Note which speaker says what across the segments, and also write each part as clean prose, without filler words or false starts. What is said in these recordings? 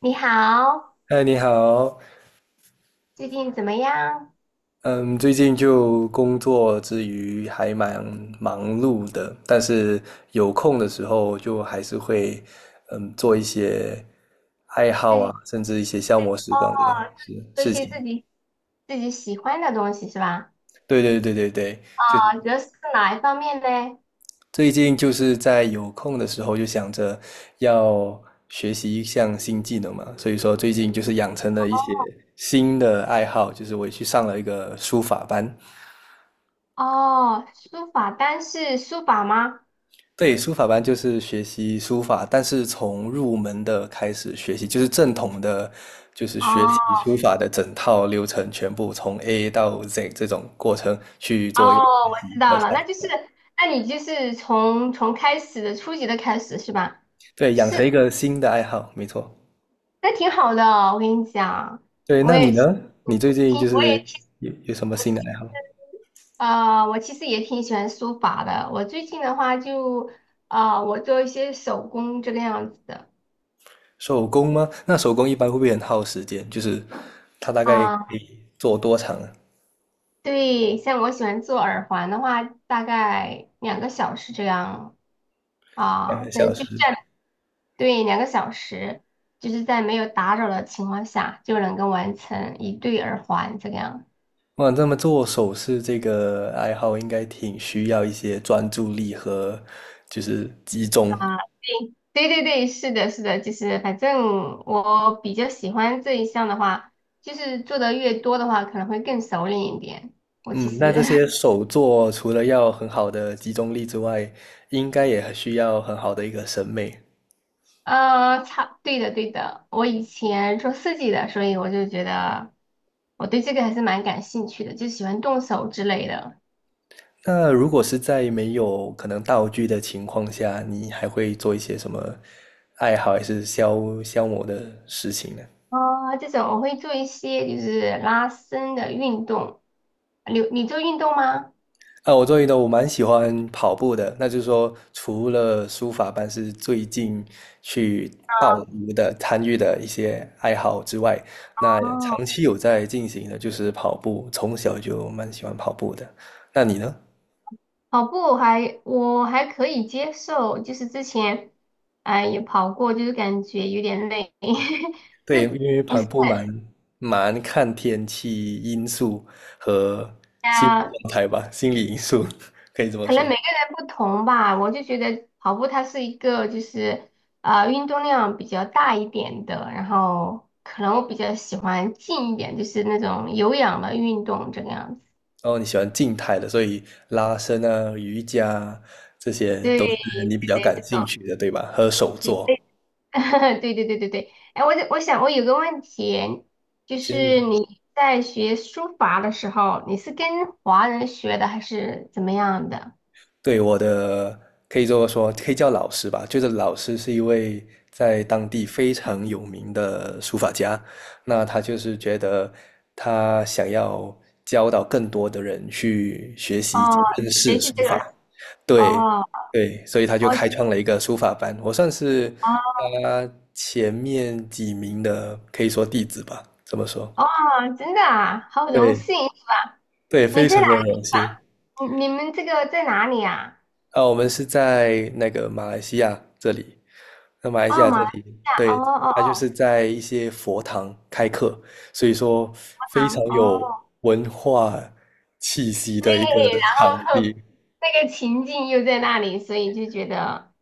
Speaker 1: 你好，
Speaker 2: 嗨，你好。
Speaker 1: 最近怎么样？
Speaker 2: 嗯，最近就工作之余还蛮忙碌的，但是有空的时候就还是会做一些爱好
Speaker 1: 自
Speaker 2: 啊，
Speaker 1: 己
Speaker 2: 甚至一些消磨时
Speaker 1: 哦，
Speaker 2: 光的事
Speaker 1: 做一
Speaker 2: 事
Speaker 1: 些
Speaker 2: 情。
Speaker 1: 自己喜欢的东西是吧？
Speaker 2: 对对对对对，就
Speaker 1: 啊，主要是哪一方面呢？
Speaker 2: 最近就是在有空的时候就想着要学习一项新技能嘛，所以说最近就是养成了一些新的爱好，就是我也去上了一个书法班。
Speaker 1: 哦，书法，单是书法吗？
Speaker 2: 对，书法班就是学习书法，但是从入门的开始学习，就是正统的，就是学
Speaker 1: 哦
Speaker 2: 习书法的整套流程，全部从 A 到 Z 这种过程去做一个，
Speaker 1: 哦，我知道了，那就是，那你就是从开始的初级的开始是吧？
Speaker 2: 对，养成一
Speaker 1: 是，
Speaker 2: 个新的爱好，没错。
Speaker 1: 那挺好的哦，我跟你讲，
Speaker 2: 对，
Speaker 1: 我
Speaker 2: 那你
Speaker 1: 也挺
Speaker 2: 呢？你最近就
Speaker 1: 我也
Speaker 2: 是
Speaker 1: 挺
Speaker 2: 有什么
Speaker 1: 我
Speaker 2: 新的
Speaker 1: 其实，
Speaker 2: 爱好？
Speaker 1: 我其实也挺喜欢书法的。我最近的话就，啊，我做一些手工这个样子的
Speaker 2: 手工吗？那手工一般会不会很耗时间？就是它大概可
Speaker 1: 啊。
Speaker 2: 以做多长啊？
Speaker 1: 对，像我喜欢做耳环的话，大概两个小时这样
Speaker 2: 两
Speaker 1: 啊，
Speaker 2: 个
Speaker 1: 在
Speaker 2: 小
Speaker 1: 就是
Speaker 2: 时？
Speaker 1: 在对两个小时，就是在没有打扰的情况下就能够完成一对耳环这个样。
Speaker 2: 我想这么做首饰这个爱好应该挺需要一些专注力和就是集中。
Speaker 1: 啊，对对对对，是的，是的，就是反正我比较喜欢这一项的话，就是做的越多的话，可能会更熟练一点。我其
Speaker 2: 嗯，那
Speaker 1: 实，
Speaker 2: 这 些手作除了要很好的集中力之外，应该也需要很好的一个审美。
Speaker 1: 对的对的，我以前做设计的，所以我就觉得我对这个还是蛮感兴趣的，就喜欢动手之类的。
Speaker 2: 那如果是在没有可能道具的情况下，你还会做一些什么爱好还是消磨的事情呢？
Speaker 1: 啊，这种我会做一些就是拉伸的运动。你做运动吗？
Speaker 2: 啊，我周瑜的我蛮喜欢跑步的，那就是说，除了书法班是最近去报
Speaker 1: 啊
Speaker 2: 名的、参与的一些爱好之外，那
Speaker 1: 哦，
Speaker 2: 长期有在进行的就是跑步，从小就蛮喜欢跑步的。那你呢？
Speaker 1: 跑步我还可以接受，就是之前哎、也跑过，就是感觉有点累，就
Speaker 2: 对，因
Speaker 1: 是
Speaker 2: 为
Speaker 1: 不
Speaker 2: 跑
Speaker 1: 是
Speaker 2: 步蛮看天气因素和心理
Speaker 1: 啊，
Speaker 2: 状态吧，心理因素 可以这么
Speaker 1: 可能
Speaker 2: 说。
Speaker 1: 每个人不同吧。我就觉得跑步它是一个就是运动量比较大一点的，然后可能我比较喜欢静一点，就是那种有氧的运动这个样子。
Speaker 2: 哦，你喜欢静态的，所以拉伸啊、瑜伽啊这些
Speaker 1: 对
Speaker 2: 都
Speaker 1: 对
Speaker 2: 是你比较
Speaker 1: 对，
Speaker 2: 感
Speaker 1: 这
Speaker 2: 兴
Speaker 1: 种。
Speaker 2: 趣的，对吧？和手作。
Speaker 1: 对对对对对，哎，我想我有个问题，就是
Speaker 2: 先
Speaker 1: 你在学书法的时候，你是跟华人学的还是怎么样的？
Speaker 2: 对，我的可以这么说，可以叫老师吧。就是老师是一位在当地非常有名的书法家，那他就是觉得他想要教导更多的人去学习
Speaker 1: 哦，
Speaker 2: 认
Speaker 1: 学
Speaker 2: 识
Speaker 1: 习
Speaker 2: 书
Speaker 1: 这个，
Speaker 2: 法，对，
Speaker 1: 哦，
Speaker 2: 对，所以他就
Speaker 1: 我哦
Speaker 2: 开创了一个书法班，我算是他前面几名的，可以说弟子吧，怎么说。
Speaker 1: 哦，真的啊，好荣
Speaker 2: 对，
Speaker 1: 幸！
Speaker 2: 对，
Speaker 1: 你
Speaker 2: 非
Speaker 1: 在
Speaker 2: 常
Speaker 1: 哪
Speaker 2: 的
Speaker 1: 个地
Speaker 2: 荣幸。
Speaker 1: 方？你们这个在哪里啊？
Speaker 2: 啊，我们是在那个马来西亚这里，那马来西
Speaker 1: 哦，
Speaker 2: 亚
Speaker 1: 马
Speaker 2: 这
Speaker 1: 来西
Speaker 2: 里，
Speaker 1: 亚，哦
Speaker 2: 对，
Speaker 1: 哦哦，
Speaker 2: 他就是在一些佛堂开课，所以说非常
Speaker 1: 啊哦，
Speaker 2: 有文化气息
Speaker 1: 对，
Speaker 2: 的一个场
Speaker 1: 然后
Speaker 2: 地。
Speaker 1: 那个情境又在那里，所以就觉得。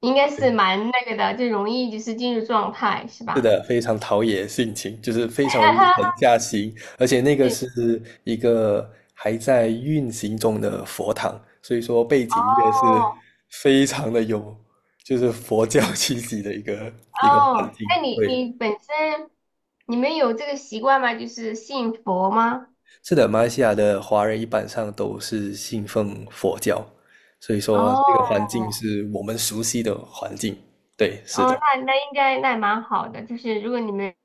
Speaker 1: 应该是蛮那个的，就容易就是进入状态，是
Speaker 2: 是
Speaker 1: 吧？
Speaker 2: 的，非常陶冶性情，就是非常容易沉 下心，而且那个
Speaker 1: 对，
Speaker 2: 是一个还在运行中的佛堂，所以说背景乐是
Speaker 1: 哦
Speaker 2: 非常的有，就是佛教气息的一个环
Speaker 1: 哦，
Speaker 2: 境。
Speaker 1: 那你
Speaker 2: 对，
Speaker 1: 你本身你们有这个习惯吗？就是信佛吗？
Speaker 2: 是的，马来西亚的华人一般上都是信奉佛教，所以说这个环
Speaker 1: 哦
Speaker 2: 境是我们熟悉的环境。对，是
Speaker 1: 哦，
Speaker 2: 的，
Speaker 1: 那那应该那蛮好的，就是如果你们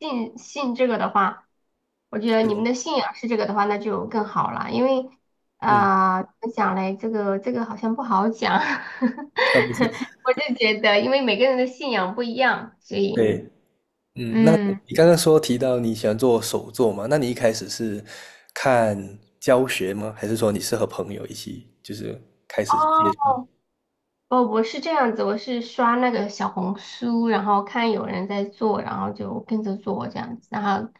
Speaker 1: 信这个的话，我觉得
Speaker 2: 是的
Speaker 1: 你们的信仰是这个的话，那就更好了，因为
Speaker 2: 嗯，
Speaker 1: 啊、怎么讲嘞？这个这个好像不好讲，
Speaker 2: 啊，没事，
Speaker 1: 我就觉得因为每个人的信仰不一样，所以。
Speaker 2: 对。嗯，那
Speaker 1: 嗯，
Speaker 2: 你刚刚说提到你喜欢做手作嘛？那你一开始是看教学吗？还是说你是和朋友一起就是开始接触？
Speaker 1: 哦，哦，我是这样子，我是刷那个小红书，然后看有人在做，然后就跟着做这样子，然后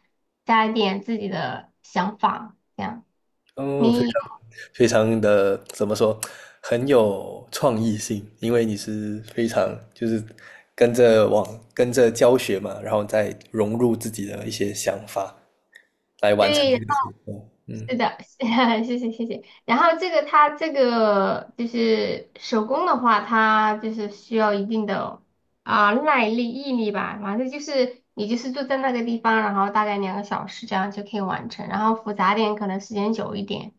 Speaker 1: 加一点自己的想法，这样。
Speaker 2: 哦，非常
Speaker 1: 你
Speaker 2: 非常的怎么说，很有创意性，因为你是非常就是跟着往跟着教学嘛，然后再融入自己的一些想法来完成
Speaker 1: 对，然
Speaker 2: 这个手
Speaker 1: 后
Speaker 2: 作。嗯
Speaker 1: 是的，谢谢谢谢。然后这个它这个就是手工的话，它就是需要一定的啊、耐力、毅力吧，反正就是你就是坐在那个地方，然后大概两个小时这样就可以完成，然后复杂点可能时间久一点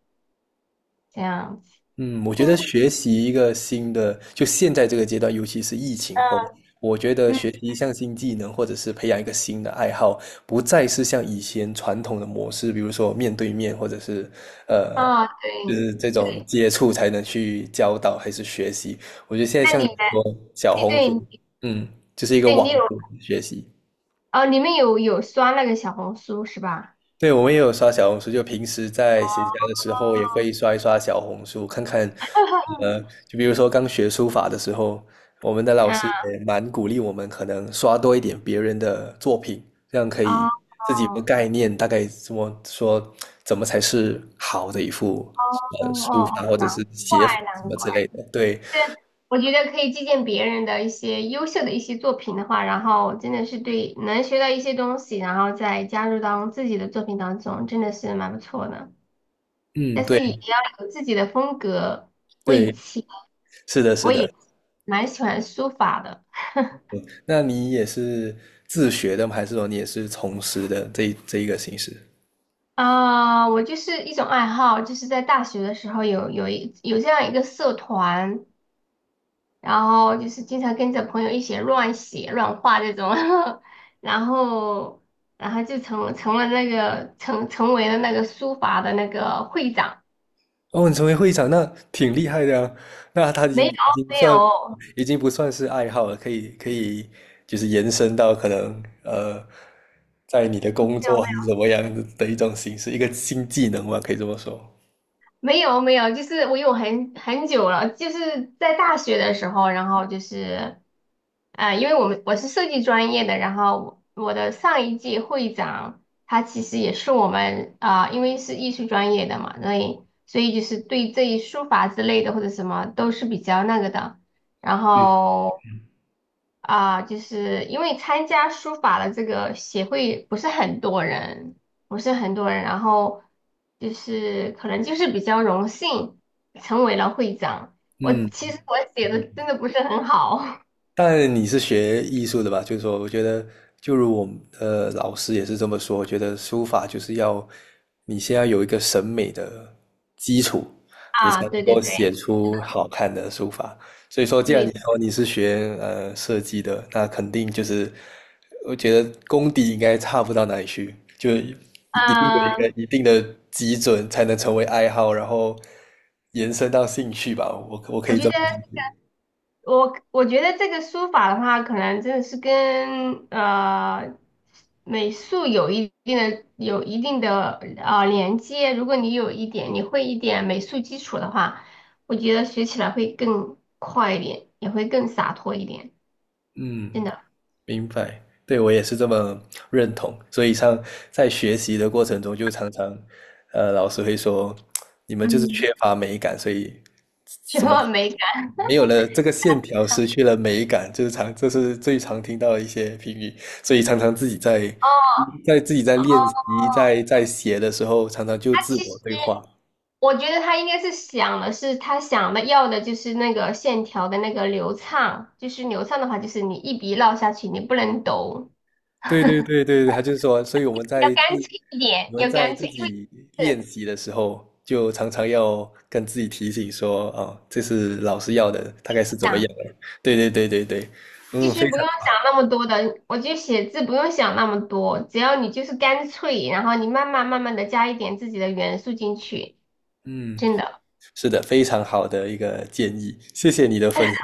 Speaker 1: 这样。
Speaker 2: 嗯，我觉
Speaker 1: 嗯
Speaker 2: 得学习一个新的，就现在这个阶段，尤其是疫情后，我觉得
Speaker 1: 嗯
Speaker 2: 学习一项新技能，或者是培养一个新的爱好，不再是像以前传统的模式，比如说面对面，或者是呃，
Speaker 1: 啊，
Speaker 2: 就
Speaker 1: 对
Speaker 2: 是这种
Speaker 1: 对，
Speaker 2: 接触才能去教导还是学习，
Speaker 1: 那你们
Speaker 2: 说小
Speaker 1: 对
Speaker 2: 红书，
Speaker 1: 对
Speaker 2: 嗯，就是一个
Speaker 1: 对
Speaker 2: 网
Speaker 1: 你有
Speaker 2: 络学习。
Speaker 1: 哦，你们有刷那个小红书是吧？
Speaker 2: 对，我们也有刷小红书，就平时在
Speaker 1: 哦，
Speaker 2: 闲暇的时候也会刷一刷小红书，看看，呃，就比如说刚学书法的时候，我们的老师
Speaker 1: 嗯
Speaker 2: 也蛮鼓励我们，可能刷多一点别人的作品，这样可以
Speaker 1: 哦
Speaker 2: 自己有个
Speaker 1: 哦
Speaker 2: 概念，大概怎么说，怎么才是好的一幅
Speaker 1: 哦
Speaker 2: 书法
Speaker 1: 哦，
Speaker 2: 或者
Speaker 1: 难
Speaker 2: 是
Speaker 1: 怪
Speaker 2: 写法什
Speaker 1: 难
Speaker 2: 么
Speaker 1: 怪，
Speaker 2: 之类的。对，
Speaker 1: 这我觉得可以借鉴别人的一些优秀的一些作品的话，然后真的是对能学到一些东西，然后再加入到自己的作品当中，真的是蛮不错的。
Speaker 2: 嗯，
Speaker 1: 但是也
Speaker 2: 对
Speaker 1: 要有自己的风格。我以
Speaker 2: 对，
Speaker 1: 前
Speaker 2: 是的，是
Speaker 1: 我
Speaker 2: 的。
Speaker 1: 也蛮喜欢书法的。
Speaker 2: 那你也是自学的吗？还是说你也是从师的这一个形式？
Speaker 1: 啊、我就是一种爱好，就是在大学的时候有这样一个社团，然后就是经常跟着朋友一起乱写乱画这种，然后然后就成成了那个成为了那个书法的那个会长，
Speaker 2: 哦，你成为会长，那挺厉害的啊。那他已
Speaker 1: 没
Speaker 2: 经
Speaker 1: 有
Speaker 2: 已经
Speaker 1: 没
Speaker 2: 算，
Speaker 1: 有。
Speaker 2: 已经不算是爱好了，可以可以，就是延伸到可能在你的工作还是怎么样的的一种形式，一个新技能吧，可以这么说。
Speaker 1: 没有没有，就是我有很久了，就是在大学的时候，然后就是，因为我是设计专业的，然后我的上一届会长他其实也是我们啊、因为是艺术专业的嘛，所以就是对这一书法之类的或者什么都是比较那个的，然后啊，就是因为参加书法的这个协会不是很多人，不是很多人，然后就是可能就是比较荣幸成为了会长。我
Speaker 2: 嗯，
Speaker 1: 其实我写的真的不是很好
Speaker 2: 但你是学艺术的吧？就是说，我觉得，就如我们老师也是这么说，我觉得书法就是要你先要有一个审美的基础，你才
Speaker 1: 啊，
Speaker 2: 能
Speaker 1: 对对
Speaker 2: 够写
Speaker 1: 对
Speaker 2: 出好看的书法。所以说，既然你
Speaker 1: 对，
Speaker 2: 说你是学设计的，那肯定就是我觉得功底应该差不到哪里去，就一定有一
Speaker 1: 嗯，
Speaker 2: 个一定的基准才能成为爱好，然后延伸到兴趣吧。我可
Speaker 1: 我
Speaker 2: 以
Speaker 1: 觉
Speaker 2: 这么
Speaker 1: 得。我觉得这个书法的话，可能真的是跟美术有一定的连接。如果你有一点，你会一点美术基础的话，我觉得学起来会更快一点，也会更洒脱一点。真
Speaker 2: 嗯。
Speaker 1: 的，
Speaker 2: 明白，对，我也是这么认同。所以像在学习的过程中，就常常，老师会说，你们就是
Speaker 1: 嗯，
Speaker 2: 缺乏美感，所以
Speaker 1: 什么美感？
Speaker 2: 没有了这个线条，失去了美感，就是常，这是最常听到的一些评语。所以常常自己在
Speaker 1: 哦
Speaker 2: 自己在
Speaker 1: 哦，
Speaker 2: 练习，在写的时候，常常就自
Speaker 1: 其
Speaker 2: 我
Speaker 1: 实
Speaker 2: 对话，
Speaker 1: 我觉得他应该是想的是他想的要的就是那个线条的那个流畅，就是流畅的话，就是你一笔落下去，你不能抖。
Speaker 2: 对对对对对，他就是说，所以
Speaker 1: 要干脆一点，
Speaker 2: 我们
Speaker 1: 要
Speaker 2: 在
Speaker 1: 干
Speaker 2: 自
Speaker 1: 脆，因为
Speaker 2: 己练
Speaker 1: 是
Speaker 2: 习的时候，就常常要跟自己提醒说，哦，这是老师要的，大概是怎
Speaker 1: 这
Speaker 2: 么样
Speaker 1: 样
Speaker 2: 的？对对对对对，
Speaker 1: 其
Speaker 2: 嗯，非
Speaker 1: 实不用
Speaker 2: 常，
Speaker 1: 想那么多的，我觉得写字不用想那么多，只要你就是干脆，然后你慢慢的加一点自己的元素进去，
Speaker 2: 嗯，
Speaker 1: 真的，
Speaker 2: 是的，非常好的一个建议，谢谢你的分享，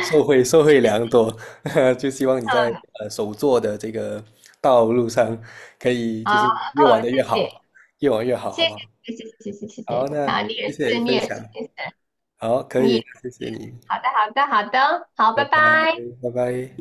Speaker 2: 受惠良多，就希望你在
Speaker 1: 嗯，
Speaker 2: 手作的这个道路上，可以就
Speaker 1: 啊，哦，
Speaker 2: 是越玩的越
Speaker 1: 谢谢，
Speaker 2: 好，越玩越好，
Speaker 1: 谢
Speaker 2: 好不好？
Speaker 1: 谢，谢谢，谢谢，谢
Speaker 2: 好，
Speaker 1: 谢，
Speaker 2: 那
Speaker 1: 啊，你
Speaker 2: 谢
Speaker 1: 也
Speaker 2: 谢
Speaker 1: 是，你
Speaker 2: 分
Speaker 1: 也
Speaker 2: 享，
Speaker 1: 是，你也是，
Speaker 2: 好，可
Speaker 1: 你
Speaker 2: 以，
Speaker 1: 也
Speaker 2: 谢谢你。
Speaker 1: 好的，好的，好的，好，拜
Speaker 2: 拜拜，
Speaker 1: 拜。
Speaker 2: 拜拜。